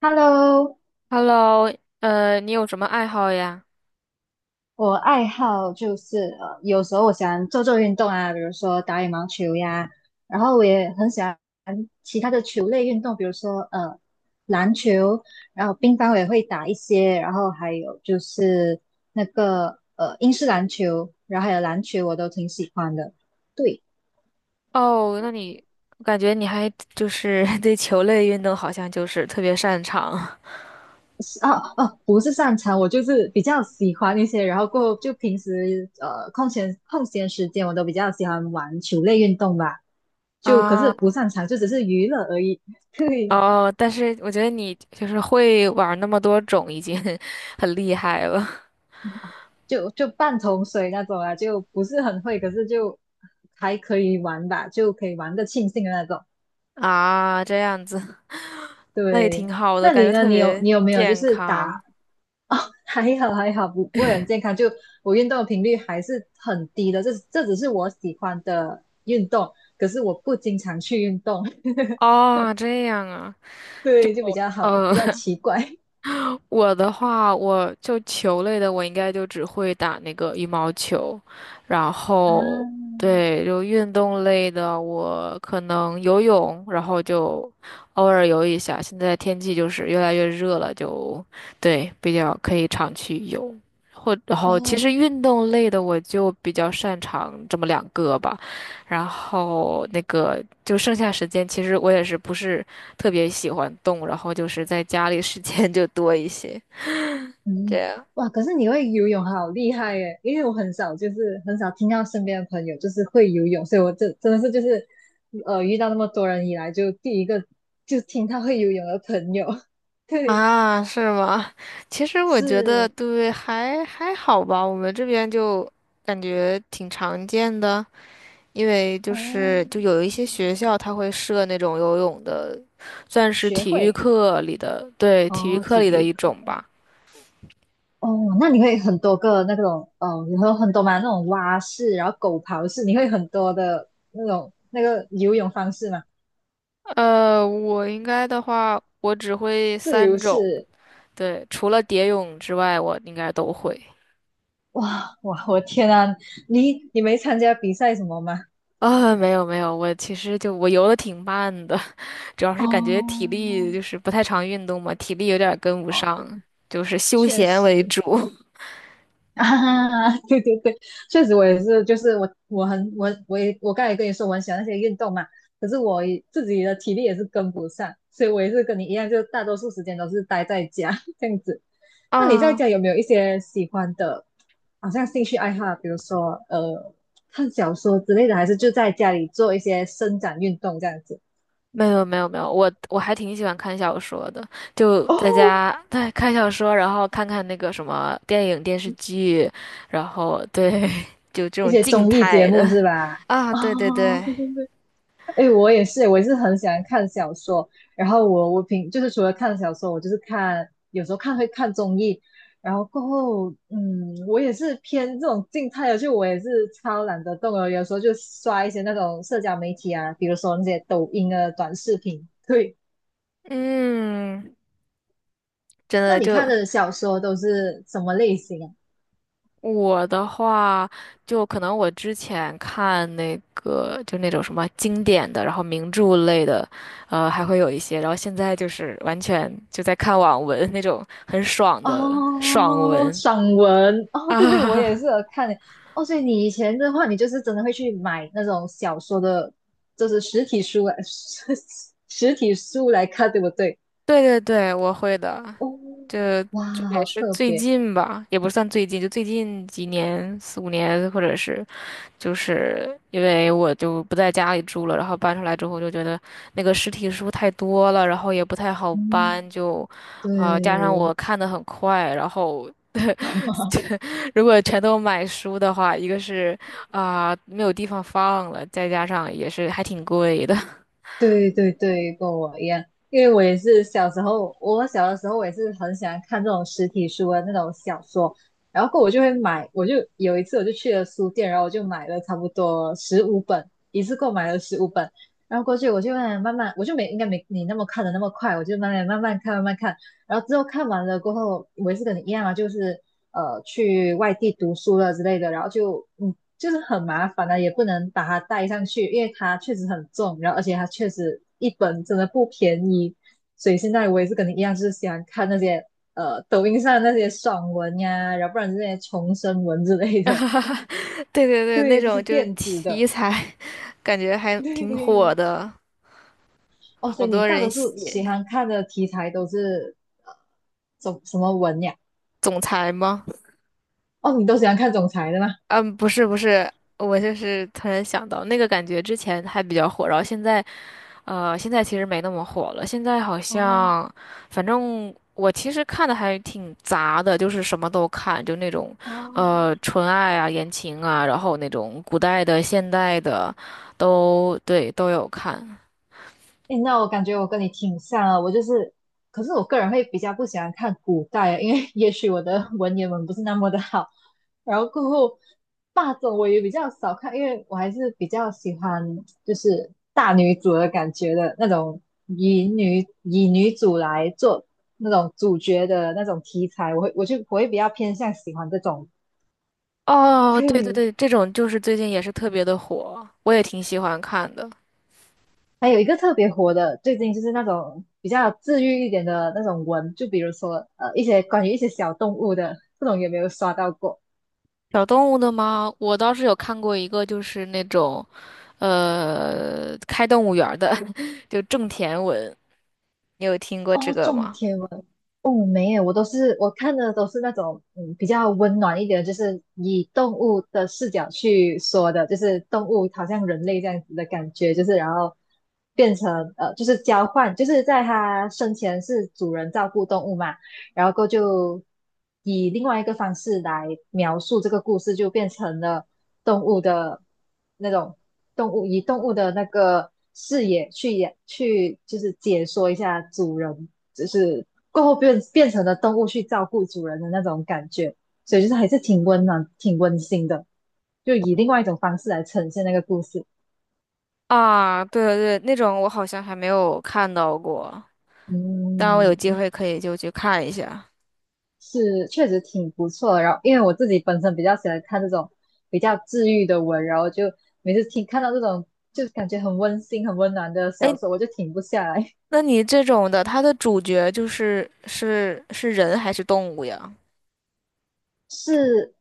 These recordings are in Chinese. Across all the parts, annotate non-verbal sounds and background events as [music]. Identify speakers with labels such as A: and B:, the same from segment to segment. A: Hello，
B: Hello，你有什么爱好呀？
A: 我爱好就是有时候我喜欢做做运动啊，比如说打羽毛球呀，然后我也很喜欢其他的球类运动，比如说篮球，然后乒乓我也会打一些，然后还有就是那个英式篮球，然后还有篮球我都挺喜欢的。对。
B: 哦，那你我感觉你还就是 [laughs] 对球类运动好像就是特别擅长。
A: 哦哦，不是擅长，我就是比较喜欢一些，然后过后就平时空闲空闲时间，我都比较喜欢玩球类运动吧。
B: [laughs]
A: 就可是不
B: 啊。
A: 擅长，就只是娱乐而已。[laughs] 对，
B: 哦，但是我觉得你就是会玩那么多种，已经 [laughs] 很厉害了。
A: 就半桶水那种啊，就不是很会，可是就还可以玩吧，就可以玩的庆幸的那种。
B: 啊，这样子，[laughs] 那也
A: 对，
B: 挺好的，
A: 那
B: 感
A: 你
B: 觉
A: 呢？
B: 特
A: 你有
B: 别
A: 你有没有就
B: 健
A: 是打
B: 康。
A: 哦？还好还好，不会很健康。就我运动的频率还是很低的，这只是我喜欢的运动，可是我不经常去运动，[laughs]
B: 哦，这样啊。
A: 对，就比较好，
B: 哦，
A: 比较
B: [laughs]
A: 奇怪
B: 我的话，我就球类的，我应该就只会打那个羽毛球，然
A: 啊，
B: 后对，就运动类的，我可能游泳，然后就偶尔游一下。现在天气就是越来越热了，就对，比较可以常去游。或然后其
A: 哦，
B: 实运动类的我就比较擅长这么两个吧，然后那个就剩下时间，其实我也是不是特别喜欢动，然后就是在家里时间 [laughs] 就多一些。这
A: 嗯，
B: 样。
A: 哇！可是你会游泳，好厉害耶！因为我很少，就是很少听到身边的朋友就是会游泳，所以我这真的是就是，遇到那么多人以来，就第一个就听他会游泳的朋友。[laughs] 对，
B: 啊，是吗？其实我觉得
A: 是
B: 对，还好吧。我们这边就感觉挺常见的，因为就
A: 哦，
B: 是就有一些学校它会设那种游泳的，算是
A: 学
B: 体育
A: 会
B: 课里的，对，体育
A: 哦，
B: 课
A: 体
B: 里的
A: 育
B: 一
A: 课
B: 种吧。
A: 哦，那你会很多个那种哦，你会有很多嘛那种蛙式，然后狗刨式，你会很多的那种那个游泳方式嘛？
B: 呃，我应该的话，我只会
A: 自
B: 三
A: 由
B: 种，
A: 式
B: 对，除了蝶泳之外，我应该都会。
A: 哇哇，我天啊，你没参加比赛什么吗？
B: 啊，没有没有，我其实就我游的挺慢的，[laughs] 主要是感觉体
A: 哦，
B: 力就是不太常运动嘛，体力有点儿跟不
A: 哦，对，
B: 上，就是休
A: 确
B: 闲
A: 实
B: 为主。[laughs]
A: [laughs]，啊，对对对，确实我也是，就是我我很我我也我刚才也跟你说我很喜欢那些运动嘛，可是我也自己的体力也是跟不上，所以我也是跟你一样，就大多数时间都是待在家 [laughs] 这样子。那你在
B: 啊，
A: 家有没有一些喜欢的，好像兴趣爱好，比如说看小说之类的，还是就在家里做一些伸展运动这样子？
B: 没有没有没有，我还挺喜欢看小说的，就在
A: 哦，
B: 家对看小说，然后看看那个什么电影电视剧，然后对 [laughs]，就这
A: 一
B: 种
A: 些
B: 静
A: 综艺节
B: 态的。
A: 目是吧？
B: 啊，
A: 哦，
B: 对对对。
A: 对对对，哎，我也是，我也是很喜欢看小说。然后我平就是除了看小说，我就是看有时候看会看综艺。然后过后，我也是偏这种静态的，就我也是超懒得动的，有时候就刷一些那种社交媒体啊，比如说那些抖音啊短视频。对，
B: 嗯，真
A: 那
B: 的
A: 你看
B: 就
A: 的小说都是什么类型啊？
B: 我的话，就可能我之前看那个，就那种什么经典的，然后名著类的，呃，还会有一些。然后现在就是完全就在看网文那种很爽的爽
A: 哦，
B: 文
A: 散文哦，对对，我也
B: 啊。
A: 是有看欸哦。所以你以前的话，你就是真的会去买那种小说的，就是实体书来，[laughs] 实体书来看，对不对？
B: [laughs] 对对对，我会的。
A: 哦，
B: 这
A: 哇，
B: 就也
A: 好
B: 是
A: 特
B: 最
A: 别，
B: 近吧，也不算最近，就最近几年，四五年，或者是就是因为我就不在家里住了，然后搬出来之后就觉得那个实体书太多了，然后也不太好搬，
A: 嗯，
B: 就，呃，加上
A: 对，
B: 我看的很快，然后 [laughs] 如果全都买书的话，一个是啊、没有地方放了，再加上也是还挺贵的。
A: 对对对，跟我一样，因为我也是小时候，我小的时候我也是很喜欢看这种实体书的那种小说，然后过后我就会买，我就有一次我就去了书店，然后我就买了差不多十五本，一次购买了十五本，然后过去我就慢慢慢慢，我就没应该没你那么看的那么快，我就慢慢慢慢看慢慢看，然后之后看完了过后，我也是跟你一样啊，就是去外地读书了之类的，然后就就是很麻烦啊，也不能把它带上去，因为它确实很重，然后而且它确实一本真的不便宜，所以现在我也是跟你一样，就是喜欢看那些抖音上那些爽文呀，然后不然就是那些重生文之类的，
B: [laughs] 对对对，那
A: 对，就
B: 种
A: 是
B: 就是
A: 电子的，
B: 题材 [laughs]，感觉还
A: [laughs]
B: 挺火
A: 对。
B: 的，
A: 哦，所
B: 好
A: 以你
B: 多
A: 大
B: 人
A: 多数喜
B: 写
A: 欢看的题材都是呃什么文呀？
B: 总裁吗？
A: 哦，你都喜欢看总裁的吗？
B: 嗯，不是不是，我就是突然想到那个感觉，之前还比较火，然后现在呃，现在其实没那么火了。现在好
A: 哦
B: 像，反正我其实看的还挺杂的，就是什么都看，就那种
A: 哦，
B: 呃纯爱啊、言情啊，然后那种古代的、现代的，都对都有看。
A: 诶，那我感觉我跟你挺像啊，我就是，可是我个人会比较不喜欢看古代啊，因为 [laughs] 也许我的文言文不是那么的好，然后过后霸总我也比较少看，因为我还是比较喜欢就是大女主的感觉的那种，以女主来做那种主角的那种题材，我会比较偏向喜欢这种，
B: 哦，对对对，
A: [laughs]
B: 这种就是最近也是特别的火，我也挺喜欢看的。
A: 还有一个特别火的，最近就是那种比较治愈一点的那种文，就比如说一些关于一些小动物的，不懂有没有刷到过？
B: 小动物的吗？我倒是有看过一个，就是那种。呃，开动物园儿的，[laughs] 就种田文，你有听过这
A: 哦，
B: 个
A: 种
B: 吗？
A: 田文，哦没有，我看的都是那种比较温暖一点的就是以动物的视角去说的，就是动物好像人类这样子的感觉，就是然后变成就是交换，就是在它生前是主人照顾动物嘛。然后就以另外一个方式来描述这个故事，就变成了动物的那种动物，以动物的那个视野去演去，就是解说一下主人，就是过后变成了动物去照顾主人的那种感觉，所以就是还是挺温暖、挺温馨的，就以另外一种方式来呈现那个故事。
B: 啊，对对对，那种我好像还没有看到过，当然我有
A: 嗯，
B: 机会可以就去看一下。
A: 是确实挺不错的。然后，因为我自己本身比较喜欢看这种比较治愈的文，然后就每次听看到这种就感觉很温馨、很温暖的小
B: 哎，
A: 说，我就停不下来。
B: 那你这种的，它的主角是人还是动物呀？
A: [laughs] 是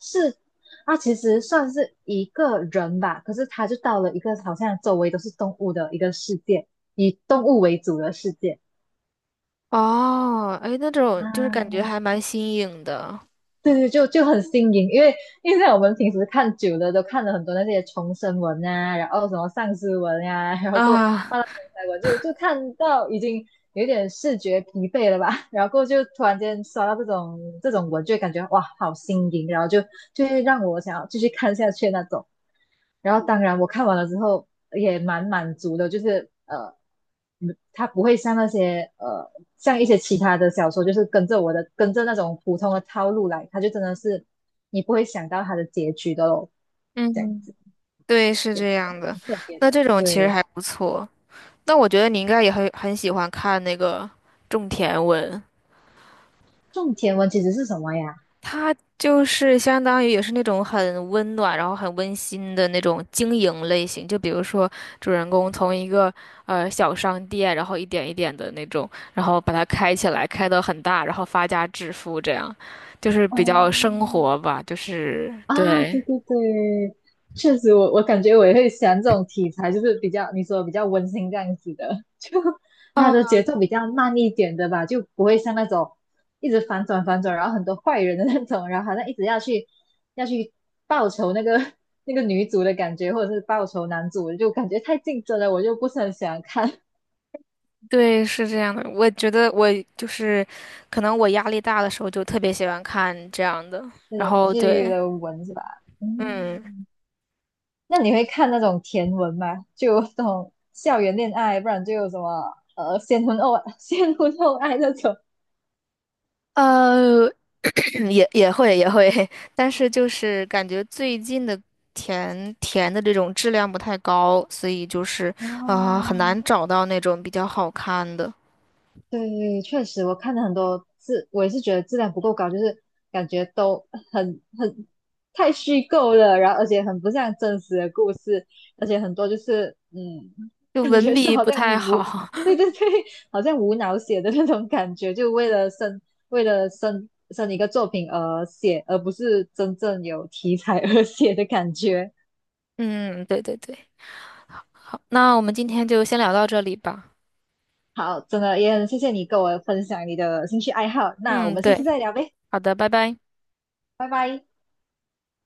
A: 是，它其实算是一个人吧，可是他就到了一个好像周围都是动物的一个世界，以动物为主的世界
B: 哦，哎，那
A: 啊。
B: 种就是感觉还蛮新颖的
A: 对对，就很新颖，因为因为像我们平时看久了，都看了很多那些重生文啊，然后什么丧尸文啊，[laughs] 然后过
B: 啊。
A: 发到题材文，就看到已经有点视觉疲惫了吧，[laughs] 然后就突然间刷到这种文，就会感觉哇，好新颖，然后就会让我想要继续看下去那种。然后当然我看完了之后也蛮满足的，就是它不会像那些像一些其他的小说，就是跟着我的跟着那种普通的套路来，它就真的是你不会想到它的结局的咯，这样子
B: 嗯，对，是
A: 对，
B: 这样的。
A: 很特别
B: 那
A: 的。
B: 这种其实
A: 对，
B: 还不错。那我觉得你应该也很喜欢看那个种田文。
A: 种田文其实是什么呀？
B: 它就是相当于也是那种很温暖，然后很温馨的那种经营类型。就比如说，主人公从一个呃小商店，然后一点一点的那种，然后把它开起来，开得很大，然后发家致富，这样就是比
A: 哦，
B: 较生活吧，就是
A: 啊，
B: 对。
A: 对对对，确实我，我感觉我也会喜欢这种题材，就是比较你说比较温馨这样子的，[laughs] 就它的
B: 啊，
A: 节奏比较慢一点的吧，就不会像那种一直反转反转，然后很多坏人的那种，然后好像一直要去报仇那个 [laughs] 那个女主的感觉，或者是报仇男主，就感觉太竞争了，我就不是很喜欢看
B: 对，是这样的。我觉得我就是，可能我压力大的时候就特别喜欢看这样的。
A: [laughs] 那
B: 然
A: 种
B: 后
A: 治愈
B: 对。
A: 的文是吧？
B: 嗯。
A: 嗯。那你会看那种甜文吗？就那种校园恋爱，不然就有什么先婚后 [laughs] 先婚后 [laughs] 爱那种。
B: 呃，嗯也会，[laughs] 但是就是感觉最近的甜填的这种质量不太高，所以就是啊、呃很难
A: 啊。
B: 找到那种比较好看的，
A: 对，确实，我看了很多质，我也是觉得质量不够高，就是感觉都很太虚构了，然后而且很不像真实的故事，而且很多就是
B: 就
A: 感
B: 文
A: 觉就
B: 笔
A: 好
B: 不
A: 像
B: 太
A: 无，
B: 好。
A: 对
B: [laughs]
A: 对对，好像无脑写的那种感觉，就为了生为了生一个作品而写，而不是真正有题材而写的感觉。
B: 嗯，对对对，好，那我们今天就先聊到这里吧。
A: 好，真的也很谢谢你跟我分享你的兴趣爱好，那我
B: 嗯，
A: 们下次
B: 对，
A: 再聊呗，
B: 好的，拜拜。
A: 拜拜。